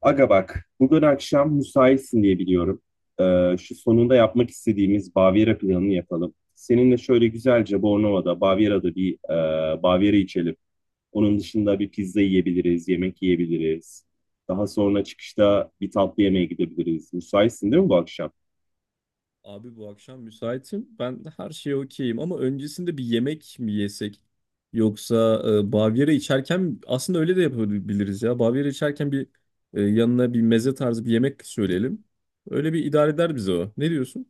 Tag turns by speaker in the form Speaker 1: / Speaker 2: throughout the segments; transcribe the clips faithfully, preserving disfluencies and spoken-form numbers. Speaker 1: Aga bak, bugün akşam müsaitsin diye biliyorum. Ee, şu Sonunda yapmak istediğimiz Bavyera planını yapalım. Seninle şöyle güzelce Bornova'da, Bavyera'da bir e, Bavyera içelim. Onun dışında bir pizza yiyebiliriz, yemek yiyebiliriz. Daha sonra çıkışta bir tatlı yemeğe gidebiliriz. Müsaitsin değil mi bu akşam?
Speaker 2: Abi bu akşam müsaitim. Ben de her şeye okeyim ama öncesinde bir yemek mi yesek? Yoksa e, Bavyera içerken aslında öyle de yapabiliriz ya. Bavyera içerken bir e, yanına bir meze tarzı bir yemek söyleyelim. Öyle bir idare eder bize o. Ne diyorsun?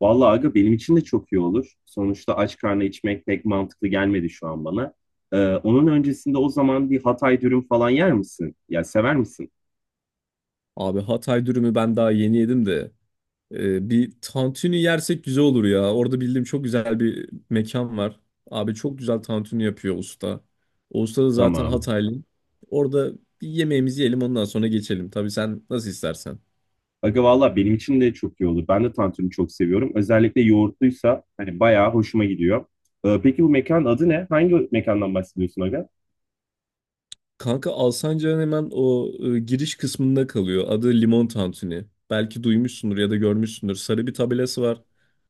Speaker 1: Vallahi aga benim için de çok iyi olur. Sonuçta aç karnına içmek pek mantıklı gelmedi şu an bana. Ee, onun öncesinde o zaman bir Hatay dürüm falan yer misin? Ya sever misin?
Speaker 2: Abi Hatay dürümü ben daha yeni yedim de Ee, bir tantuni yersek güzel olur ya. Orada bildiğim çok güzel bir mekan var. Abi çok güzel tantuni yapıyor usta. O usta da zaten
Speaker 1: Tamam.
Speaker 2: Hataylı. Orada bir yemeğimizi yiyelim ondan sonra geçelim. Tabii sen nasıl istersen.
Speaker 1: Aga valla benim için de çok iyi olur. Ben de tantuni çok seviyorum. Özellikle yoğurtluysa hani bayağı hoşuma gidiyor. Ee, peki bu mekanın adı ne? Hangi mekandan bahsediyorsun Aga?
Speaker 2: Kanka Alsancak'ın hemen o e, giriş kısmında kalıyor. Adı Limon Tantuni. Belki duymuşsundur ya da görmüşsündür. Sarı bir tabelası var.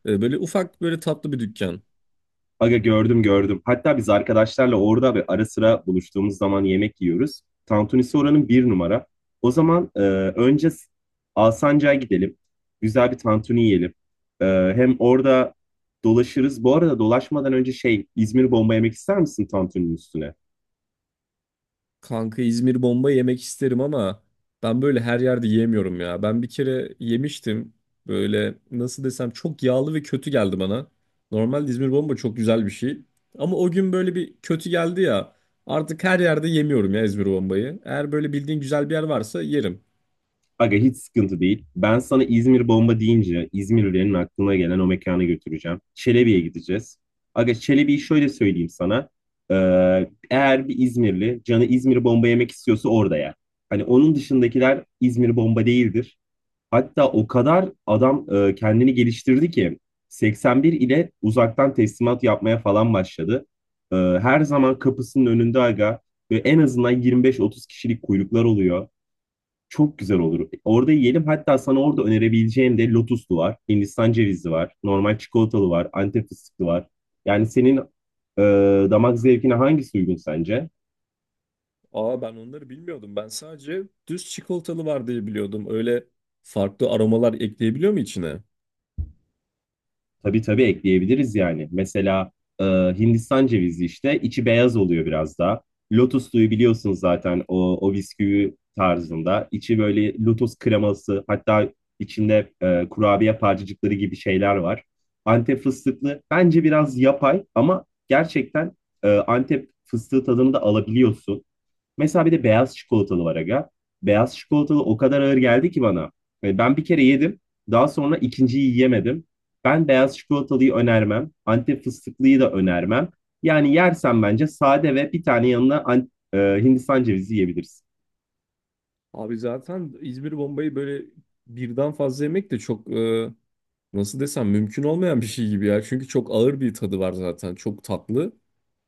Speaker 2: E, böyle ufak böyle tatlı bir dükkan.
Speaker 1: Aga gördüm, gördüm. Hatta biz arkadaşlarla orada ve ara sıra buluştuğumuz zaman yemek yiyoruz. Tantunisi oranın bir numara. O zaman e, önce S- Alsancak'a gidelim. Güzel bir tantuni yiyelim. Ee, Hem orada dolaşırız. Bu arada dolaşmadan önce şey, İzmir bomba yemek ister misin tantuninin üstüne?
Speaker 2: Kanka İzmir bomba yemek isterim ama ben böyle her yerde yemiyorum ya. Ben bir kere yemiştim. Böyle nasıl desem çok yağlı ve kötü geldi bana. Normalde İzmir bomba çok güzel bir şey. Ama o gün böyle bir kötü geldi ya. Artık her yerde yemiyorum ya İzmir bombayı. Eğer böyle bildiğin güzel bir yer varsa yerim.
Speaker 1: Aga hiç sıkıntı değil. Ben sana İzmir bomba deyince İzmirlilerin aklına gelen o mekana götüreceğim. Çelebi'ye gideceğiz. Aga Çelebi'yi şöyle söyleyeyim sana. Ee, Eğer bir İzmirli canı İzmir bomba yemek istiyorsa orada yer. Hani onun dışındakiler İzmir bomba değildir. Hatta o kadar adam e, kendini geliştirdi ki seksen bir ile uzaktan teslimat yapmaya falan başladı. Ee, her zaman kapısının önünde aga ve en azından yirmi beş otuz kişilik kuyruklar oluyor. Çok güzel olur. Orada yiyelim. Hatta sana orada önerebileceğim de lotuslu var, Hindistan cevizli var, normal çikolatalı var, Antep fıstıklı var. Yani senin e, damak zevkine hangisi uygun sence?
Speaker 2: Aa, ben onları bilmiyordum. Ben sadece düz çikolatalı var diye biliyordum. Öyle farklı aromalar ekleyebiliyor mu içine?
Speaker 1: Tabii, tabii, ekleyebiliriz yani. Mesela e, Hindistan cevizi işte içi beyaz oluyor biraz daha. Lotus suyu biliyorsunuz zaten o, o bisküvi tarzında. İçi böyle lotus kreması, hatta içinde e, kurabiye parçacıkları gibi şeyler var. Antep fıstıklı bence biraz yapay ama gerçekten e, Antep fıstığı tadını da alabiliyorsun. Mesela bir de beyaz çikolatalı var aga. Beyaz çikolatalı o kadar ağır geldi ki bana. Yani ben bir kere yedim. Daha sonra ikinciyi yiyemedim. Ben beyaz çikolatalıyı önermem. Antep fıstıklıyı da önermem. Yani yersen bence sade ve bir tane yanına an- e, Hindistan cevizi yiyebilirsin.
Speaker 2: Abi zaten İzmir bombayı böyle birden fazla yemek de çok e, nasıl desem mümkün olmayan bir şey gibi ya. Çünkü çok ağır bir tadı var zaten. Çok tatlı.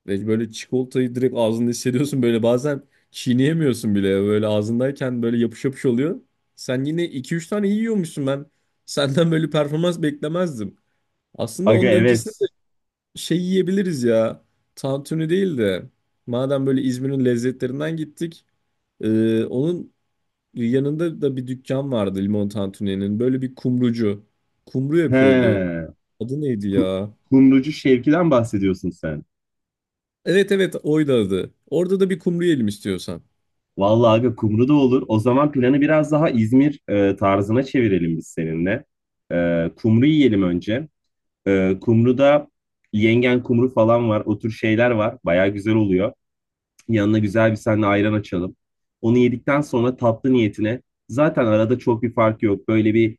Speaker 2: Ve böyle çikolatayı direkt ağzında hissediyorsun. Böyle bazen çiğneyemiyorsun bile. Böyle ağzındayken böyle yapış yapış oluyor. Sen yine iki üç tane yiyormuşsun ben. Senden böyle performans beklemezdim. Aslında
Speaker 1: Aga
Speaker 2: onun öncesinde
Speaker 1: evet.
Speaker 2: şey yiyebiliriz ya. Tantuni değil de madem böyle İzmir'in lezzetlerinden gittik. E, onun yanında da bir dükkan vardı limon tantuni'nin. Böyle bir kumrucu. Kumru yapıyordu.
Speaker 1: He.
Speaker 2: Adı neydi
Speaker 1: Ku-
Speaker 2: ya?
Speaker 1: Kumrucu Şevki'den bahsediyorsun sen.
Speaker 2: Evet, evet, oydu adı. Orada da bir kumru yiyelim istiyorsan.
Speaker 1: Vallahi aga kumru da olur. O zaman planı biraz daha İzmir e, tarzına çevirelim biz seninle. E, kumru yiyelim önce. Ee, kumruda yengen kumru falan var. O tür şeyler var. Baya güzel oluyor. Yanına güzel bir seninle ayran açalım. Onu yedikten sonra tatlı niyetine zaten arada çok bir fark yok. Böyle bir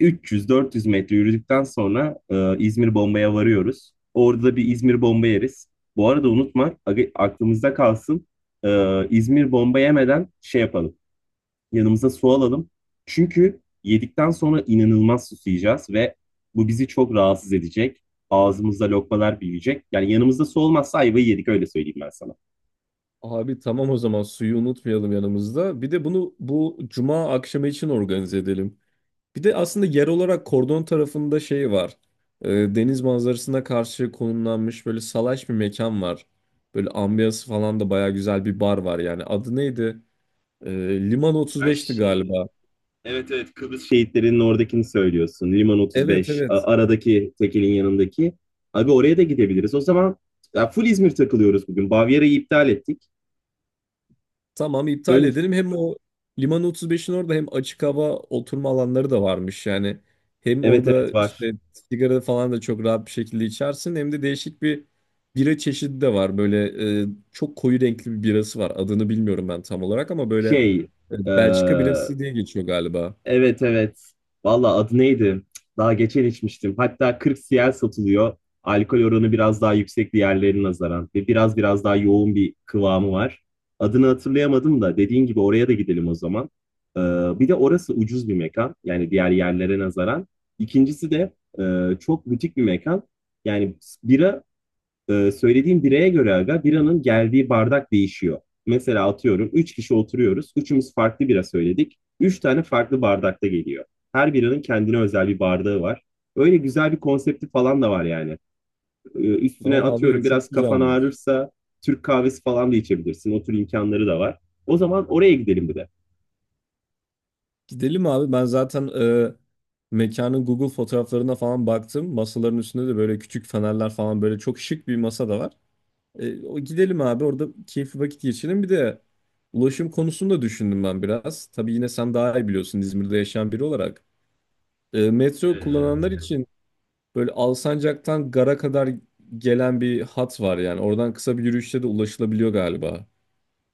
Speaker 1: üç yüz dört yüz metre yürüdükten sonra e, İzmir Bomba'ya varıyoruz. Orada da bir İzmir Bomba yeriz. Bu arada unutma aga- aklımızda kalsın. e, İzmir Bomba yemeden şey yapalım. Yanımıza su alalım. Çünkü yedikten sonra inanılmaz susayacağız ve bu bizi çok rahatsız edecek. Ağzımızda lokmalar büyüyecek. Yani yanımızda su olmazsa ayvayı yedik, öyle söyleyeyim ben sana.
Speaker 2: Abi tamam, o zaman suyu unutmayalım yanımızda. Bir de bunu bu cuma akşamı için organize edelim. Bir de aslında yer olarak kordon tarafında şey var. Ee, Deniz manzarasına karşı konumlanmış böyle salaş bir mekan var. Böyle ambiyansı falan da baya güzel bir bar var yani. Adı neydi? Ee, Liman
Speaker 1: Sen
Speaker 2: otuz beşti
Speaker 1: şey,
Speaker 2: galiba.
Speaker 1: evet, evet, Kıbrıs şehitlerinin oradakini söylüyorsun. Liman
Speaker 2: Evet,
Speaker 1: otuz beş, a-
Speaker 2: evet.
Speaker 1: aradaki tekelin yanındaki. Abi oraya da gidebiliriz. O zaman ya full İzmir takılıyoruz bugün. Bavyera'yı iptal ettik.
Speaker 2: Tamam, iptal
Speaker 1: Ön,
Speaker 2: edelim. Hem o Liman otuz beşin orada hem açık hava oturma alanları da varmış. Yani hem
Speaker 1: evet,
Speaker 2: orada
Speaker 1: evet, var.
Speaker 2: işte sigara falan da çok rahat bir şekilde içersin. Hem de değişik bir bira çeşidi de var. Böyle e, Çok koyu renkli bir birası var. Adını bilmiyorum ben tam olarak ama böyle
Speaker 1: Şey, e,
Speaker 2: e, Belçika birası diye geçiyor galiba.
Speaker 1: Evet, evet. Valla adı neydi? Daha geçen içmiştim. Hatta kırk C L satılıyor. Alkol oranı biraz daha yüksek diğerlerine nazaran ve biraz biraz daha yoğun bir kıvamı var. Adını hatırlayamadım da dediğin gibi oraya da gidelim o zaman. Ee, Bir de orası ucuz bir mekan. Yani diğer yerlere nazaran. İkincisi de e, çok butik bir mekan. Yani bira ee, söylediğim bireye göre aga biranın geldiği bardak değişiyor. Mesela atıyorum üç kişi oturuyoruz. Üçümüz farklı bira söyledik. Üç tane farklı bardakta geliyor. Her biranın kendine özel bir bardağı var. Öyle güzel bir konsepti falan da var yani. Ee, üstüne
Speaker 2: Aa, abi
Speaker 1: atıyorum biraz
Speaker 2: çok
Speaker 1: kafan
Speaker 2: güzelmiş.
Speaker 1: ağrırsa Türk kahvesi falan da içebilirsin. O tür imkanları da var. O zaman oraya gidelim bir de.
Speaker 2: Gidelim abi. Ben zaten e, mekanın Google fotoğraflarına falan baktım. Masaların üstünde de böyle küçük fenerler falan böyle çok şık bir masa da var. E, o gidelim abi, orada keyifli vakit geçirelim. Bir de ulaşım konusunu da düşündüm ben biraz. Tabii yine sen daha iyi biliyorsun İzmir'de yaşayan biri olarak. E, metro
Speaker 1: Ee,
Speaker 2: kullananlar için böyle Alsancak'tan Gar'a kadar gelen bir hat var yani. Oradan kısa bir yürüyüşle de ulaşılabiliyor galiba.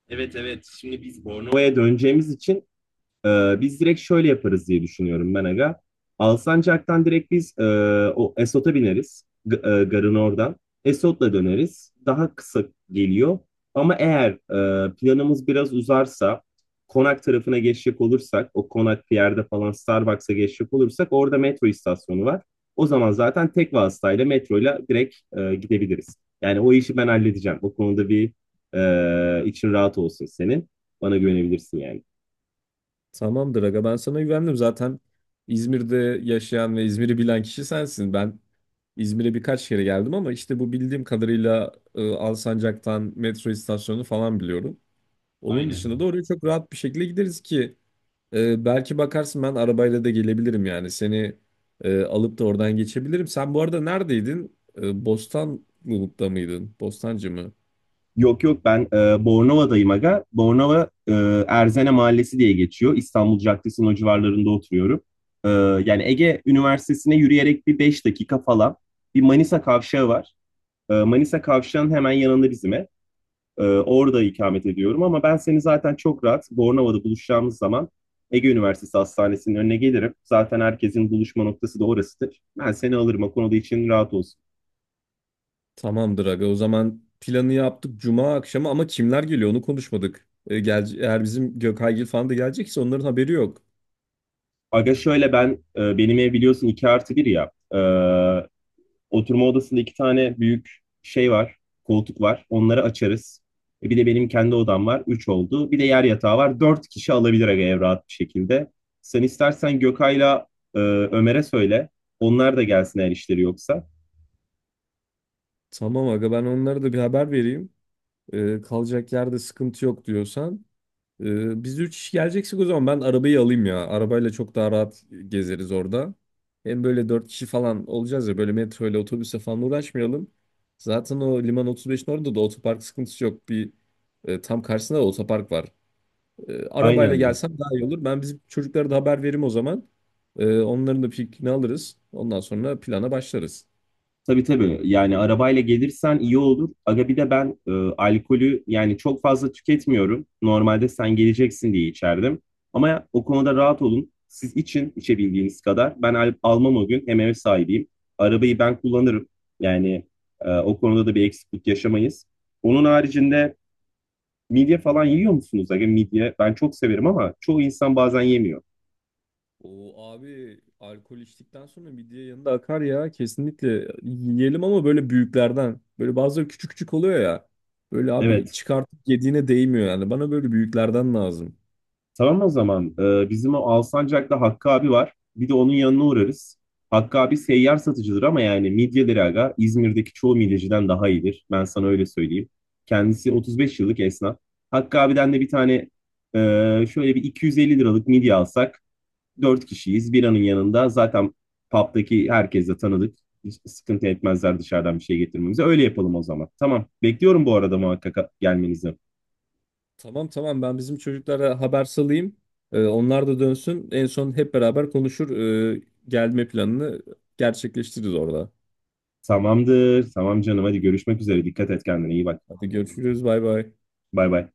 Speaker 1: evet, evet. Şimdi biz Bornova'ya Bornova'ya döneceğimiz için Ee, biz direkt şöyle yaparız diye düşünüyorum ben aga. Alsancak'tan direkt biz e, o Esot'a bineriz. G- e, garın oradan. Esot'la döneriz. Daha kısa geliyor. Ama eğer e, planımız biraz uzarsa, Konak tarafına geçecek olursak, o Konak yerde falan Starbucks'a geçecek olursak orada metro istasyonu var. O zaman zaten tek vasıtayla metroyla direkt e, gidebiliriz. Yani o işi ben halledeceğim. O konuda bir e, için rahat olsun senin. Bana güvenebilirsin yani.
Speaker 2: Tamamdır aga, ben sana güvendim zaten. İzmir'de yaşayan ve İzmir'i bilen kişi sensin. Ben İzmir'e birkaç kere geldim ama işte bu bildiğim kadarıyla e, Alsancak'tan metro istasyonunu falan biliyorum. Onun dışında da
Speaker 1: Aynen.
Speaker 2: oraya çok rahat bir şekilde gideriz ki e, belki bakarsın ben arabayla da gelebilirim yani seni e, alıp da oradan geçebilirim. Sen bu arada neredeydin? E, Bostanlı'da mıydın? Bostancı mı?
Speaker 1: Yok, yok, ben e, Bornova'dayım aga. Bornova e, Erzene Mahallesi diye geçiyor. İstanbul Caddesi'nin o civarlarında oturuyorum. E, yani Ege Üniversitesi'ne yürüyerek bir beş dakika falan bir Manisa Kavşağı var. E, Manisa Kavşağı'nın hemen yanında bizim ev. Ee, orada ikamet ediyorum ama ben seni zaten çok rahat Bornova'da buluşacağımız zaman Ege Üniversitesi Hastanesi'nin önüne gelirim. Zaten herkesin buluşma noktası da orasıdır. Ben seni alırım, o konuda için rahat olsun.
Speaker 2: Tamamdır aga. O zaman planı yaptık cuma akşamı ama kimler geliyor onu konuşmadık. E, gel, eğer bizim Gökaygil falan da gelecekse onların haberi yok.
Speaker 1: Aga şöyle, ben e, benim ev biliyorsun iki artı bir ya. E, oturma odasında iki tane büyük şey var, koltuk var. Onları açarız. E, bir de benim kendi odam var. Üç oldu. Bir de yer yatağı var. Dört kişi alabilir aga ev rahat bir şekilde. Sen istersen Gökay'la e, Ömer'e söyle. Onlar da gelsin eğer işleri yoksa.
Speaker 2: Tamam aga, ben onlara da bir haber vereyim. E, kalacak yerde sıkıntı yok diyorsan. E, biz üç kişi geleceksek o zaman ben arabayı alayım ya. Arabayla çok daha rahat gezeriz orada. Hem böyle dört kişi falan olacağız ya, böyle metro ile otobüse falan uğraşmayalım. Zaten o Liman otuz beşin orada da otopark sıkıntısı yok. Bir e, tam karşısında da otopark var. E, arabayla
Speaker 1: Aynen.
Speaker 2: gelsem daha iyi olur. Ben bizim çocuklara da haber veririm o zaman. E, onların da fikrini alırız. Ondan sonra plana başlarız.
Speaker 1: Tabii, tabii. Yani arabayla gelirsen iyi olur. Aga bir de ben e, alkolü yani çok fazla tüketmiyorum. Normalde sen geleceksin diye içerdim. Ama o konuda rahat olun. Siz için içebildiğiniz kadar. Ben al- almam o gün. Hem ev sahibiyim. Arabayı ben kullanırım. Yani e, o konuda da bir eksiklik yaşamayız. Onun haricinde midye falan yiyor musunuz? Aga midye ben çok severim ama çoğu insan bazen yemiyor.
Speaker 2: O abi alkol içtikten sonra midye yanında akar ya. Kesinlikle yiyelim ama böyle büyüklerden. Böyle bazıları küçük küçük oluyor ya. Böyle abi
Speaker 1: Evet.
Speaker 2: çıkartıp yediğine değmiyor yani. Bana böyle büyüklerden lazım.
Speaker 1: Tamam o zaman. Ee, bizim o Alsancak'ta Hakkı abi var. Bir de onun yanına uğrarız. Hakkı abi seyyar satıcıdır ama yani midyeleri aga İzmir'deki çoğu midyeciden daha iyidir. Ben sana öyle söyleyeyim. Kendisi otuz beş yıllık esnaf. Hakkı abiden de bir tane e, şöyle bir iki yüz elli liralık midye alsak, dört kişiyiz. Biranın yanında zaten pub'daki herkes de tanıdık. Hiç sıkıntı etmezler dışarıdan bir şey getirmemize. Öyle yapalım o zaman. Tamam. Bekliyorum bu arada muhakkak gelmenizi.
Speaker 2: Tamam, tamam, ben bizim çocuklara haber salayım. E, onlar da dönsün. En son hep beraber konuşur. e, Gelme planını gerçekleştiririz orada. Hadi.
Speaker 1: Tamamdır. Tamam canım. Hadi görüşmek üzere. Dikkat et kendine. İyi bak.
Speaker 2: Tamam. Görüşürüz. Bay bay.
Speaker 1: Bay bay.